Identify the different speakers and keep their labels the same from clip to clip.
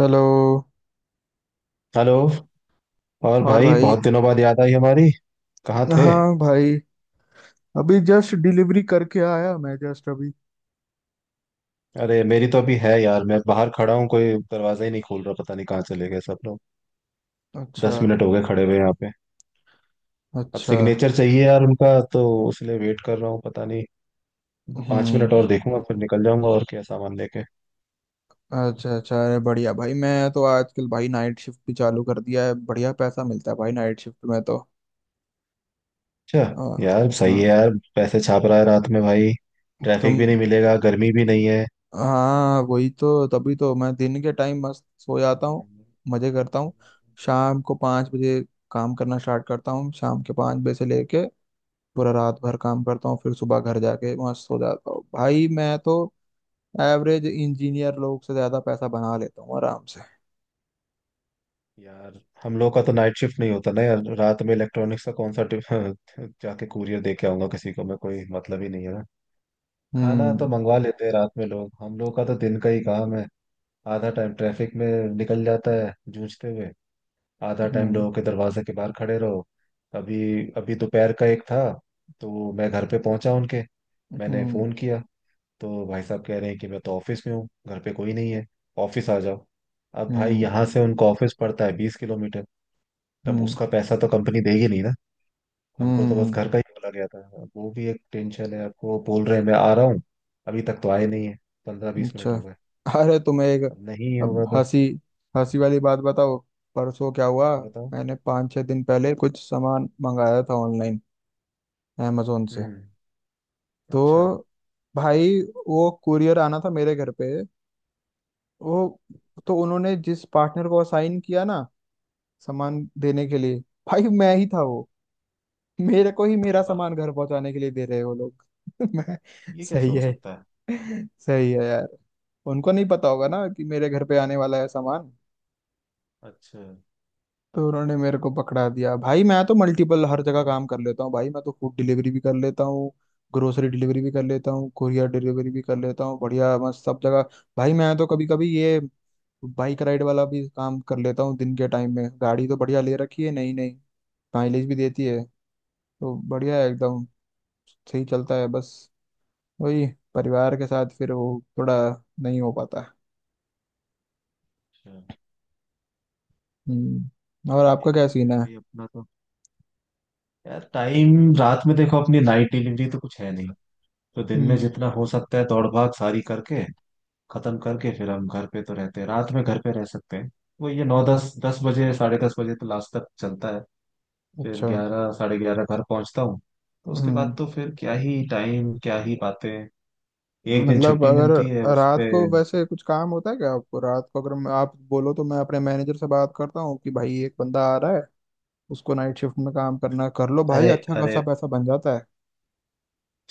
Speaker 1: Hello.
Speaker 2: Hello. और
Speaker 1: और
Speaker 2: भाई,
Speaker 1: भाई,
Speaker 2: बहुत दिनों बाद याद आई हमारी। कहाँ थे?
Speaker 1: हाँ भाई। अभी जस्ट डिलीवरी करके आया मैं, जस्ट अभी।
Speaker 2: अरे मेरी तो अभी है यार, मैं बाहर खड़ा हूँ। कोई दरवाजा ही नहीं खोल रहा, पता नहीं कहाँ चले गए सब लोग।
Speaker 1: अच्छा।
Speaker 2: 10 मिनट हो गए खड़े हुए यहाँ पे। अब
Speaker 1: अच्छा।
Speaker 2: सिग्नेचर चाहिए यार उनका तो, इसलिए वेट कर रहा हूँ। पता नहीं। 5 मिनट
Speaker 1: हम्म।
Speaker 2: और देखूंगा, फिर निकल जाऊंगा। और क्या सामान लेके।
Speaker 1: अच्छा। अच्छा अरे बढ़िया भाई, मैं तो आजकल भाई नाइट शिफ्ट भी चालू कर दिया है, बढ़िया पैसा मिलता है भाई नाइट शिफ्ट में तो।
Speaker 2: अच्छा।
Speaker 1: आ,
Speaker 2: यार सही
Speaker 1: हाँ।
Speaker 2: है यार। पैसे छाप रहा है रात में भाई।
Speaker 1: तुम।
Speaker 2: ट्रैफिक भी नहीं मिलेगा, गर्मी भी नहीं है।
Speaker 1: हाँ वही तो, तभी तो मैं दिन के टाइम मस्त सो जाता हूँ,
Speaker 2: हम्म,
Speaker 1: मजे करता हूँ। शाम को पाँच बजे काम करना स्टार्ट करता हूँ, शाम के पाँच बजे से लेके पूरा रात भर काम करता हूँ, फिर सुबह घर जाके वहां सो जाता हूँ भाई मैं तो।
Speaker 2: सही
Speaker 1: एवरेज
Speaker 2: है।
Speaker 1: इंजीनियर लोग से ज्यादा पैसा बना लेता हूँ आराम से।
Speaker 2: यार हम लोग का तो नाइट शिफ्ट नहीं होता ना यार। रात में इलेक्ट्रॉनिक्स का कौन सा जाके कुरियर दे के आऊंगा किसी को मैं, कोई मतलब ही नहीं है ना। खाना तो
Speaker 1: हम्म।
Speaker 2: मंगवा लेते हैं रात में लोग, हम लोग का तो दिन का ही काम है। आधा टाइम ट्रैफिक में निकल जाता है जूझते हुए, आधा टाइम
Speaker 1: हम्म।
Speaker 2: लोगों के दरवाजे के बाहर खड़े रहो। अभी अभी दोपहर का 1 था। तो मैं घर पे पहुंचा उनके, मैंने
Speaker 1: हम्म।
Speaker 2: फोन किया। तो भाई साहब कह रहे हैं कि मैं तो ऑफिस में हूँ, घर पे कोई नहीं है, ऑफिस आ जाओ। अब
Speaker 1: हम्म।
Speaker 2: भाई
Speaker 1: हम्म।
Speaker 2: यहाँ से उनका ऑफिस पड़ता है 20 किलोमीटर। तब
Speaker 1: हम्म।
Speaker 2: उसका पैसा तो कंपनी देगी नहीं ना। हमको तो बस
Speaker 1: हम्म,
Speaker 2: घर का ही बोला गया था, अब वो भी एक टेंशन है। आपको बोल रहे हैं मैं आ रहा हूँ, अभी तक तो आए नहीं है। पंद्रह बीस
Speaker 1: अच्छा।
Speaker 2: मिनट हो गए।
Speaker 1: अरे तुम्हें एक
Speaker 2: अब नहीं
Speaker 1: अब
Speaker 2: होगा तो
Speaker 1: हंसी, हंसी वाली बात बताओ, परसों क्या हुआ।
Speaker 2: बताओ।
Speaker 1: मैंने पाँच छः दिन पहले कुछ सामान मंगाया था ऑनलाइन, अमेजोन से।
Speaker 2: हम्म। अच्छा।
Speaker 1: तो भाई, वो कुरियर आना था मेरे घर पे। वो, तो उन्होंने जिस पार्टनर को असाइन किया ना सामान देने के लिए, भाई मैं ही था वो। मेरे को ही मेरा
Speaker 2: अरे वाह,
Speaker 1: सामान घर पहुंचाने के लिए दे रहे हैं वो लोग मैं।
Speaker 2: ये कैसे
Speaker 1: सही
Speaker 2: हो
Speaker 1: है,
Speaker 2: सकता है?
Speaker 1: सही है यार। उनको नहीं पता होगा ना कि मेरे घर पे आने वाला है सामान,
Speaker 2: अच्छा।
Speaker 1: तो उन्होंने मेरे को पकड़ा दिया। भाई मैं तो मल्टीपल हर जगह
Speaker 2: हम्म,
Speaker 1: काम कर लेता हूँ भाई, मैं तो फूड डिलीवरी भी कर लेता हूँ, ग्रोसरी डिलीवरी भी कर लेता हूँ, कुरियर डिलीवरी भी कर लेता हूँ, बढ़िया मस्त सब जगह। भाई मैं तो कभी कभी ये बाइक राइड वाला भी काम कर लेता हूँ दिन के टाइम में। गाड़ी तो बढ़िया ले रखी है, नहीं नहीं माइलेज भी देती है, तो बढ़िया है एकदम, सही चलता है। बस वही, परिवार के साथ फिर वो थोड़ा नहीं हो पाता।
Speaker 2: अच्छा।
Speaker 1: हम्म, और आपका क्या
Speaker 2: देखते
Speaker 1: सीन
Speaker 2: हैं
Speaker 1: है।
Speaker 2: भाई अपना तो। यार टाइम रात में देखो, अपनी नाइट डिलीवरी तो कुछ है नहीं। तो दिन में
Speaker 1: हम्म।
Speaker 2: जितना हो सकता है दौड़ भाग सारी करके खत्म करके, फिर हम घर पे तो रहते हैं, रात में घर पे रह सकते हैं। वो ये नौ दस दस बजे, 10:30 बजे तो लास्ट तक चलता है। फिर
Speaker 1: अच्छा।
Speaker 2: 11, 11:30 घर पहुंचता हूँ। तो उसके
Speaker 1: हम्म।
Speaker 2: बाद तो फिर क्या ही टाइम, क्या ही बातें। एक दिन
Speaker 1: मतलब
Speaker 2: छुट्टी
Speaker 1: अगर
Speaker 2: मिलती है
Speaker 1: रात
Speaker 2: उसपे।
Speaker 1: को वैसे कुछ काम होता है क्या आपको, रात को अगर आप बोलो तो मैं अपने मैनेजर से बात करता हूँ कि भाई एक बंदा आ रहा है, उसको नाइट शिफ्ट में काम करना है, कर लो भाई,
Speaker 2: अरे
Speaker 1: अच्छा
Speaker 2: अरे,
Speaker 1: खासा पैसा बन जाता है।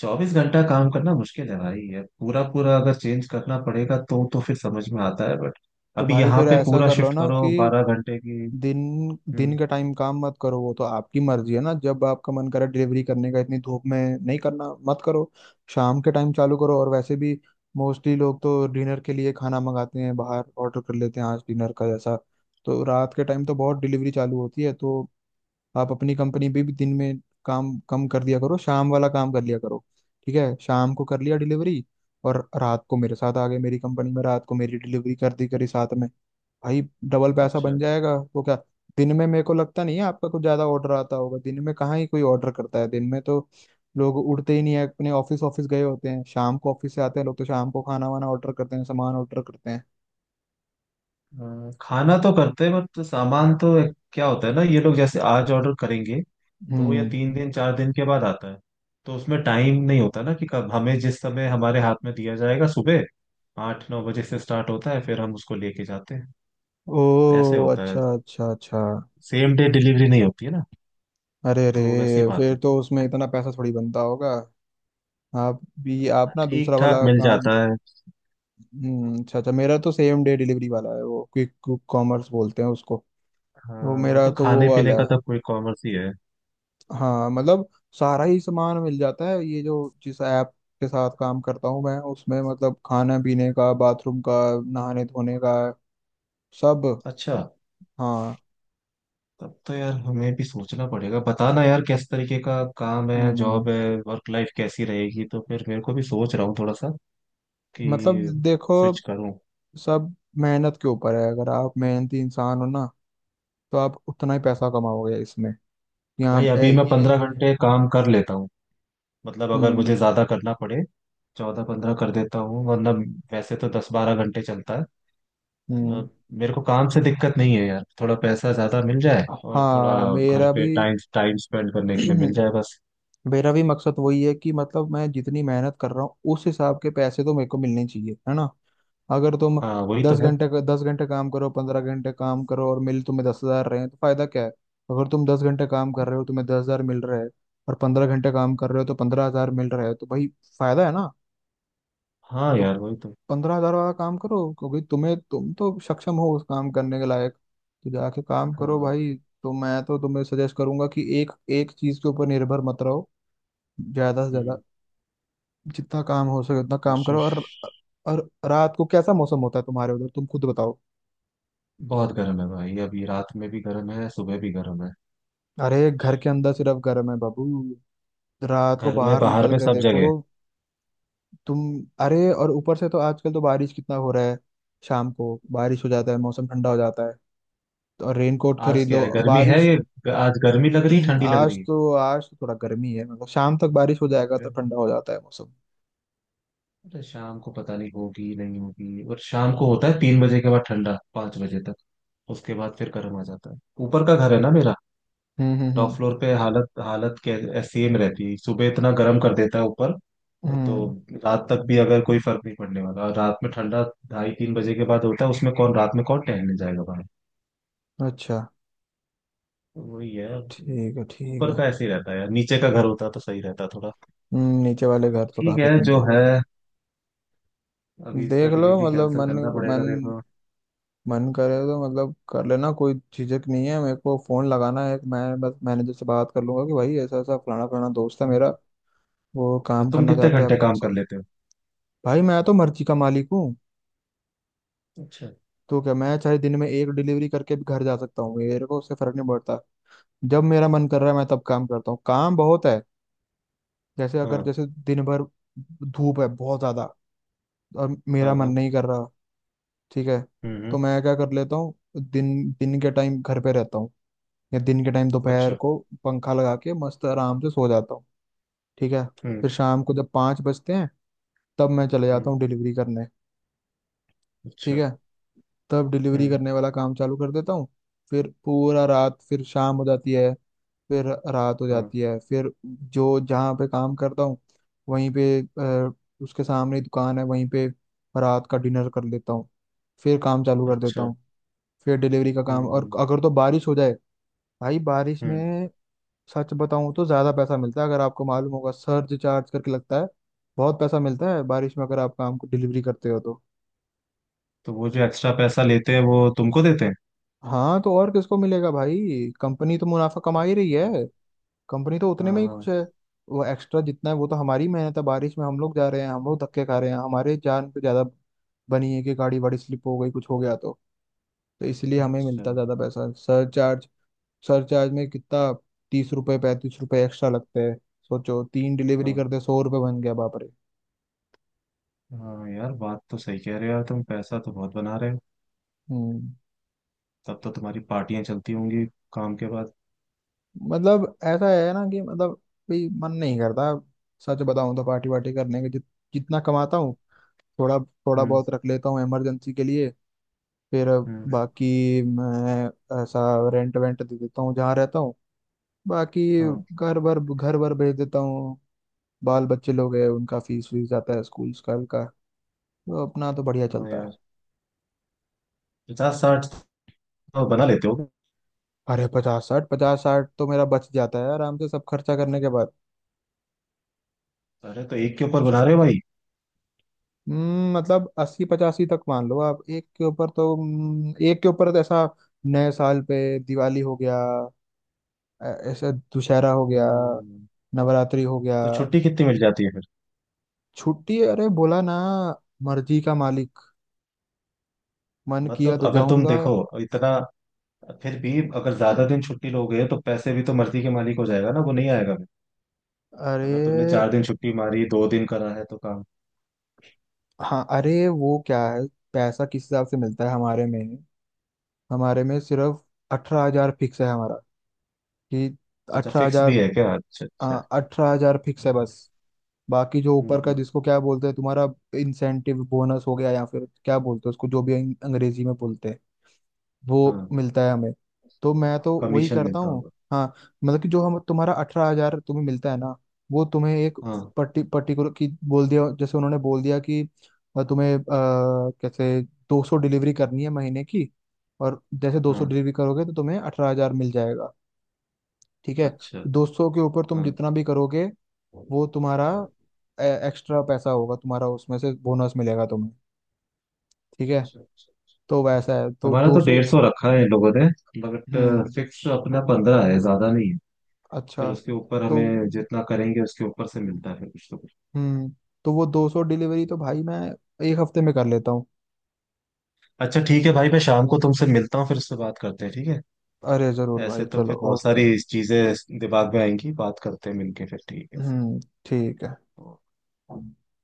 Speaker 2: 24 घंटा काम करना मुश्किल है भाई। ये पूरा पूरा अगर चेंज करना पड़ेगा तो फिर समझ में आता है, बट
Speaker 1: तो
Speaker 2: अभी
Speaker 1: भाई
Speaker 2: यहाँ
Speaker 1: फिर
Speaker 2: पे
Speaker 1: ऐसा
Speaker 2: पूरा
Speaker 1: कर लो
Speaker 2: शिफ्ट
Speaker 1: ना
Speaker 2: करो
Speaker 1: कि
Speaker 2: 12 घंटे की।
Speaker 1: दिन
Speaker 2: हम्म।
Speaker 1: दिन का टाइम काम मत करो, वो तो आपकी मर्जी है ना, जब आपका मन करे डिलीवरी करने का, इतनी धूप में नहीं करना मत करो। शाम के टाइम चालू करो, और वैसे भी मोस्टली लोग तो डिनर के लिए खाना मंगाते हैं बाहर, ऑर्डर कर लेते हैं आज डिनर का जैसा। तो रात के टाइम तो बहुत डिलीवरी चालू होती है, तो आप अपनी कंपनी भी दिन में काम कम कर दिया करो, शाम वाला काम कर लिया करो। ठीक है, शाम को कर लिया डिलीवरी, और रात को मेरे साथ आ गए मेरी कंपनी में, रात को मेरी डिलीवरी कर दी करी साथ में भाई, डबल पैसा
Speaker 2: अच्छा।
Speaker 1: बन जाएगा वो क्या। दिन में मेरे को लगता नहीं है आपका कुछ ज्यादा ऑर्डर आता होगा दिन में, कहाँ ही कोई ऑर्डर करता है दिन में तो। लोग उठते ही नहीं है अपने, ऑफिस ऑफिस गए होते हैं, शाम को ऑफिस से आते हैं लोग, तो शाम को खाना वाना ऑर्डर करते हैं, सामान ऑर्डर करते हैं।
Speaker 2: खाना तो करते हैं, बट सामान तो क्या होता है ना। ये लोग जैसे आज ऑर्डर करेंगे, दो या
Speaker 1: हम्म।
Speaker 2: तीन दिन 4 दिन के बाद आता है। तो उसमें टाइम नहीं होता ना कि कब हमें, जिस समय हमारे हाथ में दिया जाएगा। सुबह 8-9 बजे से स्टार्ट होता है, फिर हम उसको लेके जाते हैं। ऐसे
Speaker 1: ओ
Speaker 2: होता है।
Speaker 1: अच्छा, अच्छा अच्छा।
Speaker 2: सेम डे डिलीवरी नहीं होती है ना,
Speaker 1: अरे रे।
Speaker 2: तो वैसी बात
Speaker 1: फिर
Speaker 2: है।
Speaker 1: तो उसमें इतना पैसा थोड़ी बनता होगा, आप भी आप ना
Speaker 2: ठीक
Speaker 1: दूसरा
Speaker 2: ठाक
Speaker 1: वाला
Speaker 2: मिल
Speaker 1: काम।
Speaker 2: जाता है।
Speaker 1: हम्म, अच्छा अच्छा। मेरा तो सेम डे डिलीवरी वाला है, वो क्विक कॉमर्स बोलते हैं उसको। वो
Speaker 2: हाँ, वो
Speaker 1: मेरा
Speaker 2: तो
Speaker 1: तो
Speaker 2: खाने
Speaker 1: वो
Speaker 2: पीने
Speaker 1: वाला
Speaker 2: का
Speaker 1: है।
Speaker 2: तो कोई कॉमर्स ही है।
Speaker 1: हाँ मतलब सारा ही सामान मिल जाता है ये जो जिस ऐप के साथ काम करता हूँ मैं, उसमें मतलब खाना पीने का, बाथरूम का, नहाने धोने का सब।
Speaker 2: अच्छा।
Speaker 1: हाँ।
Speaker 2: तब तो यार हमें भी सोचना पड़ेगा। बताना यार किस तरीके का काम है, जॉब
Speaker 1: हम्म।
Speaker 2: है, वर्क लाइफ कैसी रहेगी, तो फिर मेरे को भी सोच रहा हूँ थोड़ा सा
Speaker 1: मतलब
Speaker 2: कि स्विच
Speaker 1: देखो
Speaker 2: करूँ।
Speaker 1: सब मेहनत के ऊपर है, अगर आप मेहनती इंसान हो ना तो आप उतना ही पैसा कमाओगे इसमें।
Speaker 2: भाई
Speaker 1: यहाँ
Speaker 2: अभी मैं
Speaker 1: ये।
Speaker 2: 15 घंटे काम कर लेता हूँ। मतलब अगर मुझे
Speaker 1: हम्म।
Speaker 2: ज्यादा करना पड़े, 14-15 कर देता हूँ, वरना वैसे तो 10-12 घंटे चलता है। अ,
Speaker 1: हम्म।
Speaker 2: मेरे को काम से दिक्कत नहीं है यार। थोड़ा पैसा ज्यादा मिल जाए, और थोड़ा
Speaker 1: हाँ
Speaker 2: घर
Speaker 1: मेरा
Speaker 2: पे
Speaker 1: भी
Speaker 2: टाइम टाइम स्पेंड करने के लिए मिल जाए बस।
Speaker 1: मेरा भी मकसद वही है कि, मतलब मैं जितनी मेहनत कर रहा हूँ उस हिसाब के पैसे तो मेरे को मिलने चाहिए, है ना। अगर तुम
Speaker 2: हाँ वही तो है।
Speaker 1: दस घंटे काम करो, पंद्रह घंटे काम करो, और मिल तुम्हें दस हजार रहे हैं तो फायदा क्या है। अगर तुम दस घंटे काम कर रहे हो तुम्हें दस हजार मिल रहा है, और पंद्रह घंटे काम कर रहे हो तो पंद्रह हजार मिल रहा है, तो भाई फायदा है ना।
Speaker 2: हाँ
Speaker 1: तो
Speaker 2: यार वही तो।
Speaker 1: पंद्रह हजार वाला काम करो, क्योंकि तुम्हें तुम तो सक्षम हो उस काम करने के लायक, तो जाके काम करो
Speaker 2: हाँ।
Speaker 1: भाई। तो मैं तो तुम्हें सजेस्ट करूंगा कि एक एक चीज के ऊपर निर्भर मत रहो, ज्यादा से ज्यादा
Speaker 2: हम्म।
Speaker 1: जितना काम हो सके उतना काम करो।
Speaker 2: कोशिश।
Speaker 1: और रात को कैसा मौसम होता है तुम्हारे उधर, तुम खुद बताओ।
Speaker 2: बहुत गर्म है भाई, अभी रात में भी गर्म है, सुबह भी गर्म है।
Speaker 1: अरे घर के अंदर सिर्फ गर्म है बाबू, रात को
Speaker 2: घर में
Speaker 1: बाहर
Speaker 2: बाहर
Speaker 1: निकल
Speaker 2: में
Speaker 1: के
Speaker 2: सब जगह।
Speaker 1: देखो। तुम, अरे और ऊपर से तो आजकल तो बारिश कितना हो रहा है, शाम को बारिश हो जाता है, मौसम ठंडा हो जाता है। तो और रेनकोट
Speaker 2: आज
Speaker 1: खरीद
Speaker 2: क्या
Speaker 1: लो
Speaker 2: है, गर्मी है
Speaker 1: बारिश।
Speaker 2: ये। आज गर्मी लग रही है, ठंडी लग रही है
Speaker 1: आज तो थोड़ा गर्मी है, मतलब शाम तक बारिश हो
Speaker 2: तो
Speaker 1: जाएगा तो
Speaker 2: फिर।
Speaker 1: ठंडा हो जाता है मौसम।
Speaker 2: अरे शाम को पता नहीं, होगी नहीं होगी। और शाम को होता है 3 बजे के बाद ठंडा, 5 बजे तक। उसके बाद फिर गर्म आ जाता है। ऊपर का घर है ना मेरा,
Speaker 1: हम्म। हम्म।
Speaker 2: Top
Speaker 1: hmm.
Speaker 2: फ्लोर पे हालत हालत के ऐसी में रहती है, सुबह इतना गर्म कर देता है ऊपर। तो
Speaker 1: हम्म,
Speaker 2: रात तक भी अगर कोई फर्क नहीं पड़ने वाला, और रात में ठंडा 2:30-3 बजे के बाद होता है। उसमें कौन, रात में कौन टहलने जाएगा भाई।
Speaker 1: अच्छा।
Speaker 2: वही है।
Speaker 1: ठीक है, ठीक
Speaker 2: ऊपर
Speaker 1: है।
Speaker 2: का ऐसे ही रहता है यार, नीचे का घर होता तो सही रहता थोड़ा।
Speaker 1: नीचे वाले घर तो
Speaker 2: ठीक
Speaker 1: काफी
Speaker 2: है जो
Speaker 1: ठंडे
Speaker 2: है।
Speaker 1: रहते हैं।
Speaker 2: अभी इसका
Speaker 1: देख लो,
Speaker 2: डिलीवरी
Speaker 1: मतलब
Speaker 2: कैंसिल
Speaker 1: मन
Speaker 2: करना पड़ेगा
Speaker 1: मन
Speaker 2: देखो।
Speaker 1: मन करे तो मतलब कर लेना, कोई झिझक नहीं है मेरे को फोन लगाना है, मैं बस मैनेजर से बात कर लूंगा कि भाई ऐसा ऐसा, फलाना फलाना दोस्त है मेरा,
Speaker 2: हम्म।
Speaker 1: वो
Speaker 2: तो
Speaker 1: काम
Speaker 2: तुम
Speaker 1: करना
Speaker 2: कितने
Speaker 1: चाहता है
Speaker 2: घंटे
Speaker 1: आपके
Speaker 2: काम कर
Speaker 1: साथ।
Speaker 2: लेते हो?
Speaker 1: भाई मैं तो मर्जी का मालिक हूँ।
Speaker 2: अच्छा।
Speaker 1: तो क्या मैं चाहे दिन में एक डिलीवरी करके भी घर जा सकता हूँ, मेरे को उससे फर्क नहीं पड़ता। जब मेरा मन कर रहा है मैं तब काम करता हूँ, काम बहुत है। जैसे अगर
Speaker 2: हाँ
Speaker 1: जैसे दिन भर धूप है बहुत ज्यादा और
Speaker 2: हाँ
Speaker 1: मेरा मन
Speaker 2: हाँ।
Speaker 1: नहीं कर रहा, ठीक है
Speaker 2: हम्म
Speaker 1: तो
Speaker 2: हम्म,
Speaker 1: मैं क्या कर लेता हूँ, दिन दिन के टाइम घर पे रहता हूँ, या दिन के टाइम दोपहर
Speaker 2: अच्छा।
Speaker 1: को पंखा लगा के मस्त आराम से सो जाता हूँ। ठीक है,
Speaker 2: हम्म
Speaker 1: फिर शाम को जब पाँच बजते हैं तब मैं चले जाता
Speaker 2: हम्म।
Speaker 1: हूँ डिलीवरी करने। ठीक
Speaker 2: अच्छा।
Speaker 1: है, तब डिलीवरी
Speaker 2: हम्म।
Speaker 1: करने वाला काम चालू कर देता हूँ। फिर पूरा रात, फिर शाम हो जाती है, फिर रात हो
Speaker 2: हाँ।
Speaker 1: जाती है, फिर जो जहाँ पे काम करता हूँ वहीं पे उसके सामने ही दुकान है वहीं पे रात का डिनर कर लेता हूँ, फिर काम चालू कर देता
Speaker 2: अच्छा।
Speaker 1: हूँ, फिर डिलीवरी का काम।
Speaker 2: हम्म
Speaker 1: और
Speaker 2: हम्म
Speaker 1: अगर तो बारिश हो जाए भाई, बारिश
Speaker 2: हम्म।
Speaker 1: में सच बताऊं तो ज्यादा पैसा मिलता है, अगर आपको मालूम होगा सर्ज चार्ज करके लगता है। बहुत पैसा मिलता है बारिश में अगर आप काम को डिलीवरी करते हो तो।
Speaker 2: तो वो जो एक्स्ट्रा पैसा लेते हैं वो तुमको देते हैं?
Speaker 1: हाँ तो और किसको मिलेगा भाई, कंपनी तो मुनाफा कमा ही रही
Speaker 2: अच्छा,
Speaker 1: है, कंपनी तो उतने
Speaker 2: हाँ
Speaker 1: में ही खुश
Speaker 2: हाँ।
Speaker 1: है। वो एक्स्ट्रा जितना है वो तो हमारी मेहनत है, बारिश में हम लोग जा रहे हैं, हम लोग धक्के खा रहे हैं, हमारे जान पे ज्यादा बनी है कि गाड़ी वाड़ी स्लिप हो गई कुछ हो गया तो इसलिए हमें
Speaker 2: अच्छा।
Speaker 1: मिलता ज्यादा पैसा सर्च चार्ज। सर्च चार्ज में कितना, तीस रुपए पैंतीस रुपए एक्स्ट्रा लगते हैं। सोचो तीन डिलीवरी
Speaker 2: हाँ
Speaker 1: करते सौ रुपए बन गया, बाप रे।
Speaker 2: हाँ, यार बात तो सही कह रहे हो यार, तुम पैसा तो बहुत बना रहे हो।
Speaker 1: हम्म।
Speaker 2: तब तो तुम्हारी पार्टियां चलती होंगी काम के बाद।
Speaker 1: मतलब ऐसा है ना कि मतलब भी मन नहीं करता, सच बताऊं तो पार्टी वार्टी करने के, जितना कमाता हूँ थोड़ा, थोड़ा
Speaker 2: हम्म
Speaker 1: बहुत रख लेता हूँ इमरजेंसी के लिए। फिर
Speaker 2: हम्म।
Speaker 1: बाकी मैं ऐसा रेंट वेंट दे देता हूँ जहाँ रहता हूँ, बाकी
Speaker 2: हाँ,
Speaker 1: घर भर भेज देता हूँ, बाल बच्चे लोग हैं उनका फीस, फीस जाता है स्कूल, स्कूल का। तो अपना तो बढ़िया
Speaker 2: हाँ
Speaker 1: चलता
Speaker 2: यार,
Speaker 1: है।
Speaker 2: 50-60 तो बना लेते हो।
Speaker 1: अरे पचास साठ, पचास साठ तो मेरा बच जाता है आराम से सब खर्चा करने के।
Speaker 2: अरे तो एक के ऊपर बना रहे हो भाई।
Speaker 1: मतलब अस्सी पचासी तक मान लो आप, एक के ऊपर तो, एक के ऊपर तो ऐसा नए साल पे दिवाली हो गया, ऐसा दुशहरा हो गया,
Speaker 2: हम्म।
Speaker 1: नवरात्रि हो गया।
Speaker 2: तो छुट्टी कितनी मिल जाती है फिर?
Speaker 1: छुट्टी, अरे बोला ना मर्जी का मालिक, मन किया
Speaker 2: मतलब
Speaker 1: तो
Speaker 2: अगर तुम
Speaker 1: जाऊंगा।
Speaker 2: देखो इतना, फिर भी अगर ज्यादा दिन छुट्टी लोगे, तो पैसे भी तो मर्जी के मालिक हो जाएगा ना, वो नहीं आएगा फिर। अगर तुमने
Speaker 1: अरे।
Speaker 2: 4 दिन छुट्टी मारी, 2 दिन करा है तो काम।
Speaker 1: हाँ, अरे वो क्या है, पैसा किस हिसाब से मिलता है हमारे में, हमारे में सिर्फ अठारह हजार फिक्स है हमारा। कि
Speaker 2: अच्छा,
Speaker 1: अठारह
Speaker 2: फिक्स
Speaker 1: हजार,
Speaker 2: भी है क्या? अच्छा अच्छा।
Speaker 1: हाँ, अठारह हजार फिक्स है बस। बाकी जो
Speaker 2: हम्म
Speaker 1: ऊपर का
Speaker 2: हम्म,
Speaker 1: जिसको क्या बोलते हैं तुम्हारा, इंसेंटिव, बोनस हो गया, या फिर क्या बोलते हैं उसको, जो भी अंग्रेजी में बोलते हैं,
Speaker 2: हाँ,
Speaker 1: वो मिलता है हमें। तो मैं तो वही
Speaker 2: कमीशन
Speaker 1: करता
Speaker 2: मिलता
Speaker 1: हूँ।
Speaker 2: होगा।
Speaker 1: हाँ मतलब कि जो हम तुम्हारा अठारह हजार तुम्हें मिलता है ना, वो तुम्हें एक
Speaker 2: हाँ
Speaker 1: पर्टिकुलर की बोल दिया, जैसे उन्होंने बोल दिया कि तुम्हें कैसे दो सौ डिलीवरी करनी है महीने की, और जैसे दो सौ
Speaker 2: हाँ।
Speaker 1: डिलीवरी करोगे तो तुम्हें अठारह हजार मिल जाएगा। ठीक है,
Speaker 2: अच्छा।
Speaker 1: दो सौ के ऊपर तुम
Speaker 2: हाँ।
Speaker 1: जितना भी करोगे वो तुम्हारा एक्स्ट्रा पैसा होगा, तुम्हारा उसमें से बोनस मिलेगा तुम्हें। ठीक है,
Speaker 2: अच्छा अच्छा।
Speaker 1: तो वैसा है। तो
Speaker 2: हमारा तो
Speaker 1: 200
Speaker 2: 150 रखा है इन लोगों ने, बट
Speaker 1: हम्म
Speaker 2: फिक्स अपना 15 है, ज्यादा नहीं है। फिर
Speaker 1: अच्छा
Speaker 2: उसके ऊपर
Speaker 1: तो
Speaker 2: हमें जितना करेंगे उसके ऊपर से मिलता है फिर, कुछ तो कुछ।
Speaker 1: हम्म तो वो 200 डिलीवरी तो भाई मैं एक हफ्ते में कर लेता हूँ।
Speaker 2: अच्छा ठीक है भाई, मैं शाम को तुमसे मिलता हूँ, फिर उससे बात करते हैं ठीक है।
Speaker 1: अरे जरूर भाई
Speaker 2: ऐसे तो
Speaker 1: चलो
Speaker 2: फिर बहुत
Speaker 1: ओके।
Speaker 2: सारी चीजें दिमाग में आएंगी। बात करते हैं मिलके फिर, ठीक
Speaker 1: हम्म। ठीक
Speaker 2: है।
Speaker 1: है।